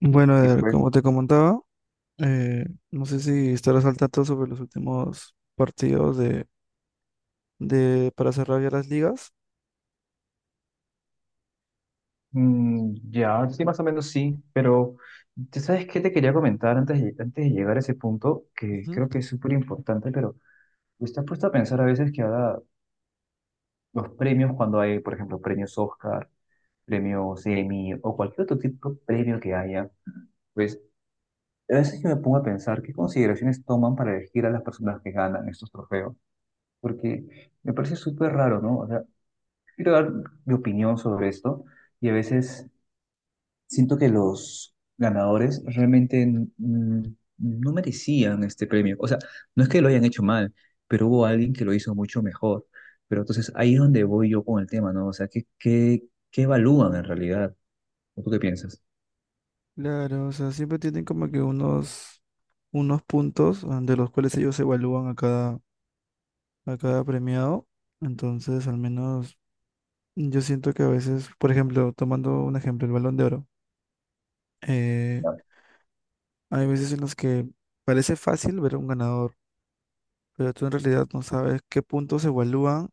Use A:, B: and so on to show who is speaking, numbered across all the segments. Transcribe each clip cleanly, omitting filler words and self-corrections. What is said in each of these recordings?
A: Bueno,
B: Sí,
A: Eder,
B: pues,
A: como te comentaba, no sé si estarás al tanto sobre los últimos partidos de para cerrar ya las ligas.
B: mm, ya, sí, más o menos sí, pero ¿tú ¿sabes qué te quería comentar antes de llegar a ese punto. Que
A: Ujú.
B: creo que es súper importante, pero ¿estás puesto a pensar a veces que ahora los premios, cuando hay, por ejemplo, premios Oscar, premios Emmy o cualquier otro tipo de premio que haya, pues a veces yo me pongo a pensar qué consideraciones toman para elegir a las personas que ganan estos trofeos? Porque me parece súper raro, ¿no? O sea, quiero dar mi opinión sobre esto y a veces siento que los ganadores realmente mm, no merecían este premio. O sea, no es que lo hayan hecho mal, pero hubo alguien que lo hizo mucho mejor. Pero entonces ahí es donde voy yo con el tema, ¿no? O sea, ¿qué evalúan en realidad? ¿O tú qué piensas?
A: Claro, o sea, siempre tienen como que unos, unos puntos de los cuales ellos evalúan a cada premiado. Entonces, al menos yo siento que a veces, por ejemplo, tomando un ejemplo, el Balón de Oro, eh,
B: Ya.
A: hay veces en las que parece fácil ver a un ganador, pero tú en realidad no sabes qué puntos evalúan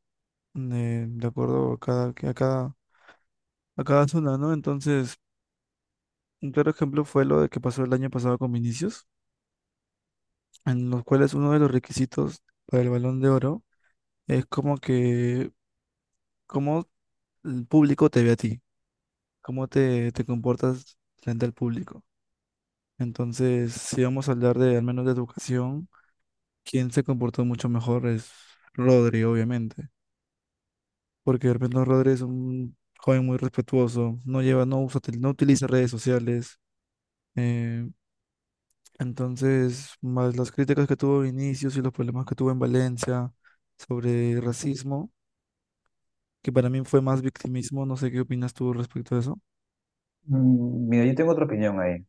A: de acuerdo a cada, a cada, a cada zona, ¿no? Entonces, un claro ejemplo fue lo de que pasó el año pasado con Vinicius, en los cuales uno de los requisitos para el Balón de Oro es como que, cómo el público te ve a ti, cómo te, te comportas frente al público. Entonces, si vamos a hablar de, al menos de educación, quien se comportó mucho mejor es Rodri, obviamente, porque de repente Rodri es un joven muy respetuoso, no lleva, no usa, no utiliza redes sociales, eh, entonces, más las críticas que tuvo Vinicius y los problemas que tuvo en Valencia sobre racismo, que para mí fue más victimismo, no sé qué opinas tú respecto a eso.
B: Mira, yo tengo otra opinión ahí.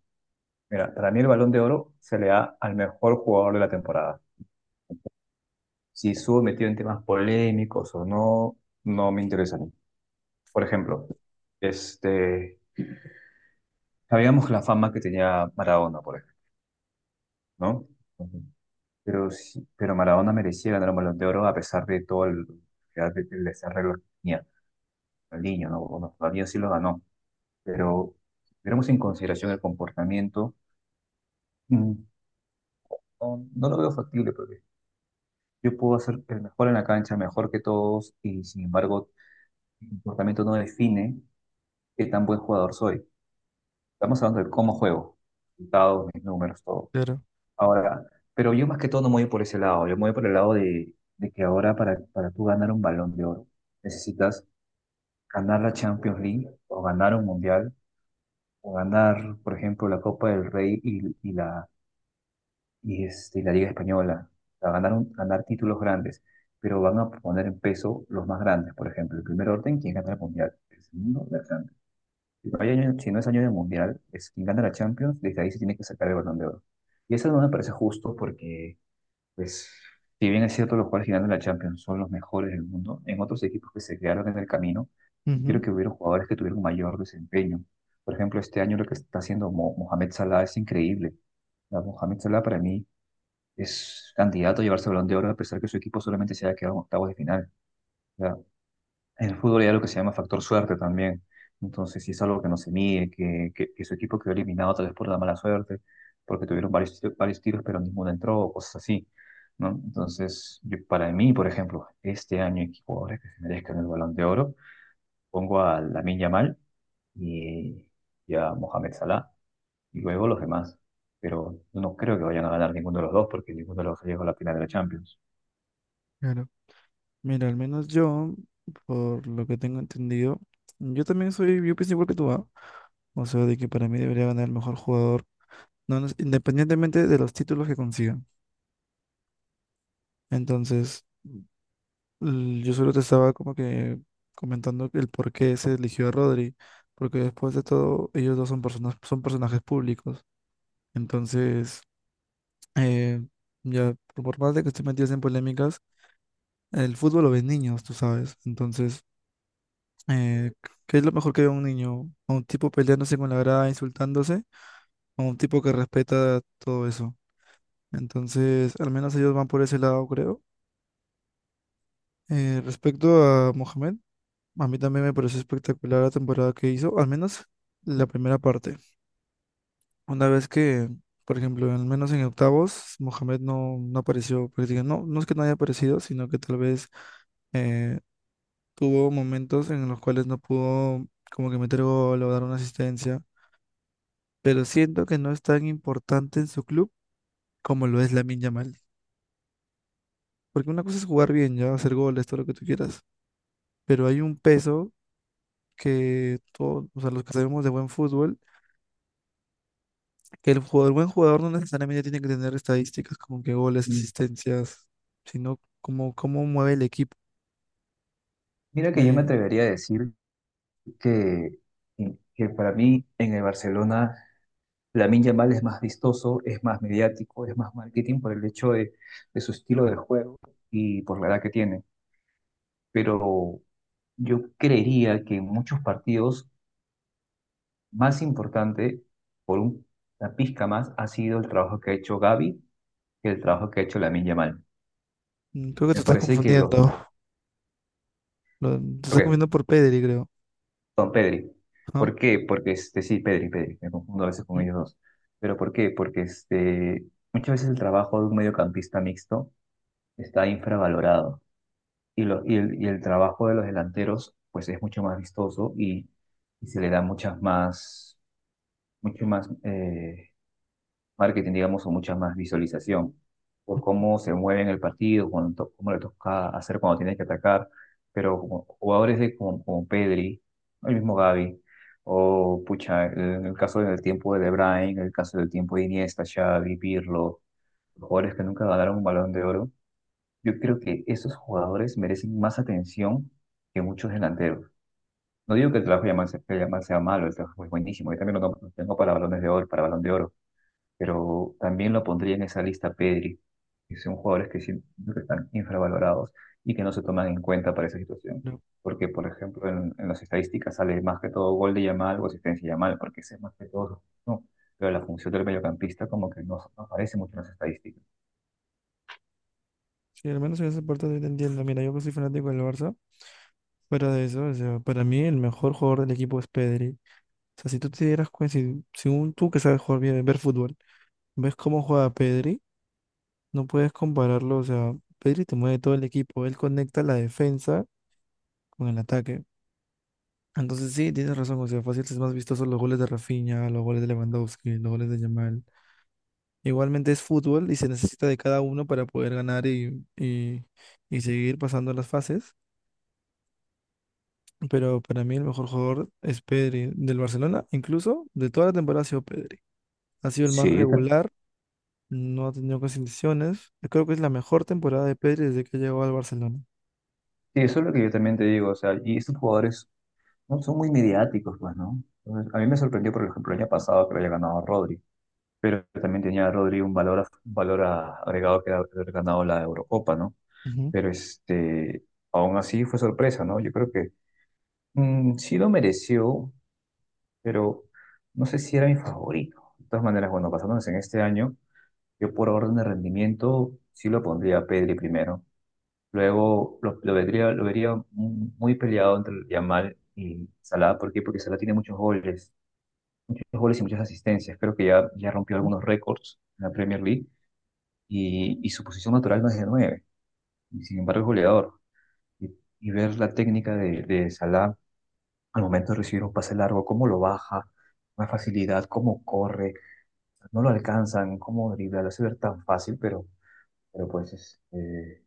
B: Mira, para mí el Balón de Oro se le da al mejor jugador de la temporada. Si estuvo metido en temas polémicos o no, no me interesa a mí. Por ejemplo, este, sabíamos la fama que tenía Maradona, por ejemplo. ¿No? Ujú. Pero Maradona merecía ganar un Balón de Oro a pesar de todo el que tenía. Ronaldinho, ¿no? Bueno, todavía sí lo ganó, pero si tuviéramos en consideración el comportamiento, mm, no, no lo veo factible, porque yo puedo hacer el mejor en la cancha, mejor que todos, y sin embargo, mi comportamiento no define qué tan buen jugador soy. Estamos hablando de cómo juego, resultados, mis números, todo.
A: Claro,
B: Ahora, pero yo más que todo no me voy por ese lado, yo me voy por el lado de que ahora para tú ganar un balón de oro necesitas ganar la Champions League o ganar un Mundial o ganar, por ejemplo, la Copa del Rey y la Liga Española, o sea, ganar títulos grandes, pero van a poner en peso los más grandes, por ejemplo, el primer orden, quien gana el Mundial; el segundo, la Champions. Si no hay año- si no es año de Mundial, es quien gana la Champions, desde ahí se tiene que sacar el balón de oro. Y eso no me parece justo, porque... Pues, si bien es cierto, los jugadores que ganan la Champions son los mejores del mundo, en otros equipos que se quedaron en el camino, creo
A: ujú,
B: que hubieron jugadores que tuvieron mayor desempeño. Por ejemplo, este año lo que está haciendo Mohamed Salah es increíble. O Mohamed Salah para mí es candidato a llevarse el Balón de Oro, a pesar que su equipo solamente se haya quedado en octavos de final. En el fútbol hay algo que se llama factor suerte también. Entonces, si es algo que no se mide, que su equipo quedó eliminado tal vez por la mala suerte, porque tuvieron varios tiros, pero ninguno entró, o cosas así, ¿no? Entonces, para mí, por ejemplo, este año hay jugadores que se merezcan el Balón de Oro. Pongo a Lamine Yamal y, y a Mohamed Salah, y luego los demás. Pero no creo que vayan a ganar ninguno de los dos, porque ninguno de los dos llegó a la final de la Champions.
A: claro. Mira, al menos yo, por lo que tengo entendido, yo también soy, yo pienso igual que tú, ¿ah? O sea, de que para mí debería ganar el mejor jugador, no, independientemente de los títulos que consigan. Entonces, yo solo te estaba como que comentando el por qué se eligió a Rodri, porque después de todo, ellos dos son personas, son personajes públicos. Entonces, eh, ya, por más de que estén metidos en polémicas, el fútbol lo ven niños, tú sabes. Entonces, eh, ¿qué es lo mejor que ve un niño? ¿A un tipo peleándose con la grada, insultándose? ¿O a un tipo que respeta todo eso? Entonces, al menos ellos van por ese lado, creo. Respecto a Mohamed. A mí también me pareció espectacular la temporada que hizo, al menos la primera parte. Una vez que, por ejemplo, al menos en octavos, Mohamed no, no apareció, prácticamente. No, no es que no haya aparecido, sino que tal vez eh, tuvo momentos en los cuales no pudo como que meter gol o dar una asistencia. Pero siento que no es tan importante en su club como lo es Lamine Yamal. Porque una cosa es jugar bien, ya, hacer goles, todo lo que tú quieras. Pero hay un peso que todos, o sea, los que sabemos de buen fútbol, que el jugador, buen jugador no necesariamente tiene que tener estadísticas como que goles,
B: Mm.
A: asistencias, sino como cómo mueve el equipo.
B: Mira que yo me
A: Eh,
B: atrevería a decir que, que para mí en el Barcelona Lamine Yamal es más vistoso, es más mediático, es más marketing por el hecho de, su estilo de juego y por la edad que tiene. Pero yo creería que en muchos partidos más importante, por una pizca más, ha sido el trabajo que ha hecho Gavi que el trabajo que ha hecho Lamine Yamal.
A: creo que te
B: Me
A: estás
B: parece que
A: confundiendo.
B: los,
A: Te estás
B: porque
A: confundiendo por Pedri, creo.
B: Don Pedri.
A: ¿No?
B: ¿Por qué? Porque sí, Pedri, Pedri, me confundo a veces con
A: ¿Mm?
B: ellos dos. Pero ¿por qué? Porque muchas veces el trabajo de un mediocampista mixto está infravalorado y el trabajo de los delanteros pues es mucho más vistoso y se le da muchas más, mucho más, marketing, digamos, o mucha más visualización, por cómo se mueve en el partido, cómo le toca hacer cuando tienes que atacar, pero como jugadores como Pedri, el mismo Gavi, o pucha, en el caso del tiempo de De Bruyne, en el caso del tiempo de Iniesta, Xavi, Pirlo, jugadores que nunca ganaron un Balón de Oro, yo creo que esos jugadores merecen más atención que muchos delanteros. No digo que el trabajo de Yamal sea, que Yamal sea malo, el trabajo es buenísimo, yo también lo tengo para balones de oro, para balón de oro, pero también lo pondría en esa lista Pedri, que son jugadores que siento que están infravalorados y que no se toman en cuenta para esa situación.
A: Creo.
B: Porque, por ejemplo, en las estadísticas sale más que todo gol de Yamal o asistencia de Yamal, porque ese es más que todo, ¿no? Pero la función del mediocampista como que no aparece mucho en las estadísticas.
A: Sí, al menos en esa parte yo te entiendo. Mira, yo que soy fanático del Barça, fuera de eso, o sea, para mí el mejor jugador del equipo es Pedri. O sea, si tú te dieras cuenta, si, según tú que sabes jugar bien, ver fútbol, ves cómo juega Pedri, no puedes compararlo. O sea, Pedri te mueve todo el equipo, él conecta la defensa con el ataque. Entonces sí, tienes razón, o sea, fácil es más vistoso los goles de Rafinha, los goles de Lewandowski, los goles de Yamal. Igualmente es fútbol y se necesita de cada uno para poder ganar y seguir pasando las fases. Pero para mí el mejor jugador es Pedri del Barcelona, incluso de toda la temporada ha sido Pedri. Ha sido el más
B: Sí,
A: regular, no ha tenido casi lesiones. Yo creo que es la mejor temporada de Pedri desde que llegó al Barcelona.
B: eso es lo que yo también te digo, o sea, y estos jugadores no son muy mediáticos, pues, ¿no? Entonces, a mí me sorprendió, por ejemplo, el año pasado que lo haya ganado Rodri, pero también tenía Rodri un valor agregado, que era haber ganado la Eurocopa, ¿no?
A: Ujú.
B: Pero aún así fue sorpresa, ¿no? Yo creo que sí lo mereció, pero no sé si era mi favorito. De todas maneras, bueno, basándonos en este año, yo por orden de rendimiento sí lo pondría a Pedri primero. Luego lo vería muy peleado entre Yamal y Salah. ¿Por qué? Porque Salah tiene muchos goles y muchas asistencias. Creo que ya rompió
A: Ujú.
B: algunos récords en la Premier League. Y su posición natural no es de 9 y, sin embargo, es goleador. Y, y ver la técnica de, Salah al momento de recibir un pase largo, cómo lo baja, una facilidad, cómo corre, no lo alcanzan, cómo dribla, lo hace ver tan fácil, pero pues es, eh,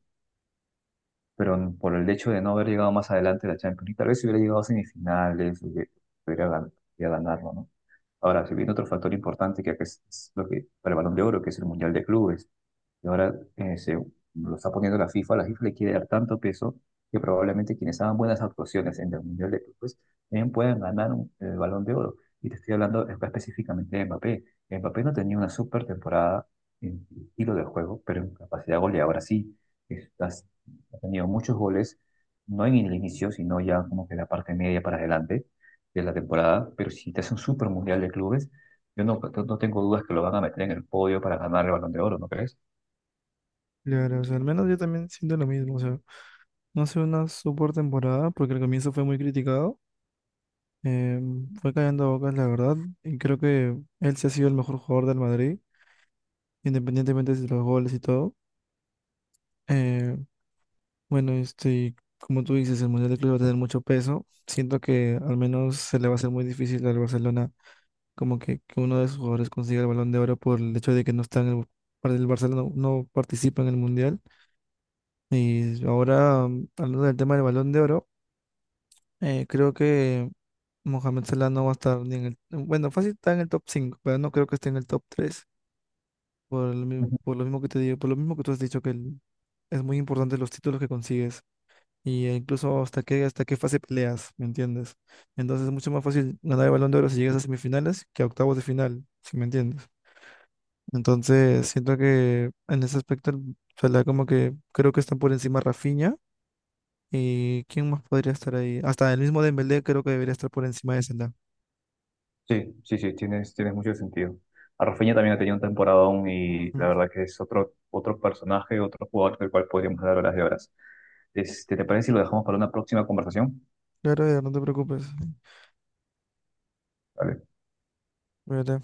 B: pero por el hecho de no haber llegado más adelante a la Champions League, tal vez si hubiera llegado a semifinales, hubiera gan- hubiera ganarlo, ¿no? Ahora, si viene otro factor importante que acá es lo que para el Balón de Oro, que es el Mundial de Clubes, y ahora se lo está poniendo la FIFA le quiere dar tanto peso que probablemente quienes hagan buenas actuaciones en el Mundial de Clubes también puedan ganar el Balón de Oro. Y te estoy hablando específicamente de Mbappé. Mbappé no tenía una super temporada en estilo de juego, pero en capacidad goleadora sí ha tenido muchos goles, no en el inicio, sino ya como que la parte media para adelante de la temporada, pero si te hace un super mundial de clubes, yo no tengo dudas que lo van a meter en el podio para ganar el Balón de Oro, ¿no crees?
A: Claro, o sea, al menos yo también siento lo mismo, o sea, no ha sido una super temporada porque al comienzo fue muy criticado. Eh, fue cayendo a bocas, la verdad, y creo que él se ha sido el mejor jugador del Madrid, independientemente de los goles y todo. Eh, bueno, este, y como tú dices, el Mundial de Clubes va a tener mucho peso. Siento que al menos se le va a hacer muy difícil al Barcelona, como que uno de sus jugadores consiga el Balón de Oro por el hecho de que no está en el, para el Barcelona no, participa en el Mundial. Y ahora, hablando del tema del Balón de Oro. Creo que Mohamed Salah no va a estar ni en el... Bueno, fácil está en el top 5, pero no creo que esté en el top tres. Por lo,
B: Ujú.
A: por lo mismo que te digo, por lo mismo que tú has dicho que es muy importante los títulos que consigues y incluso hasta qué fase peleas, ¿me entiendes? Entonces es mucho más fácil ganar el Balón de Oro si llegas a semifinales que a octavos de final, si me entiendes. Entonces siento que en ese aspecto el Salah como que creo que están por encima Rafinha, y ¿quién más podría estar ahí? Hasta el mismo Dembélé creo que debería estar por encima de Salah.
B: Sí, sí, sí, tienes mucho sentido. A Rafinha también ha tenido un temporadón y la
A: Mm.
B: verdad que es otro personaje, otro jugador del cual podríamos dar horas de horas. ¿Te parece si lo dejamos para una próxima conversación?
A: Claro, ya no te preocupes.
B: Vale.
A: Cuídate.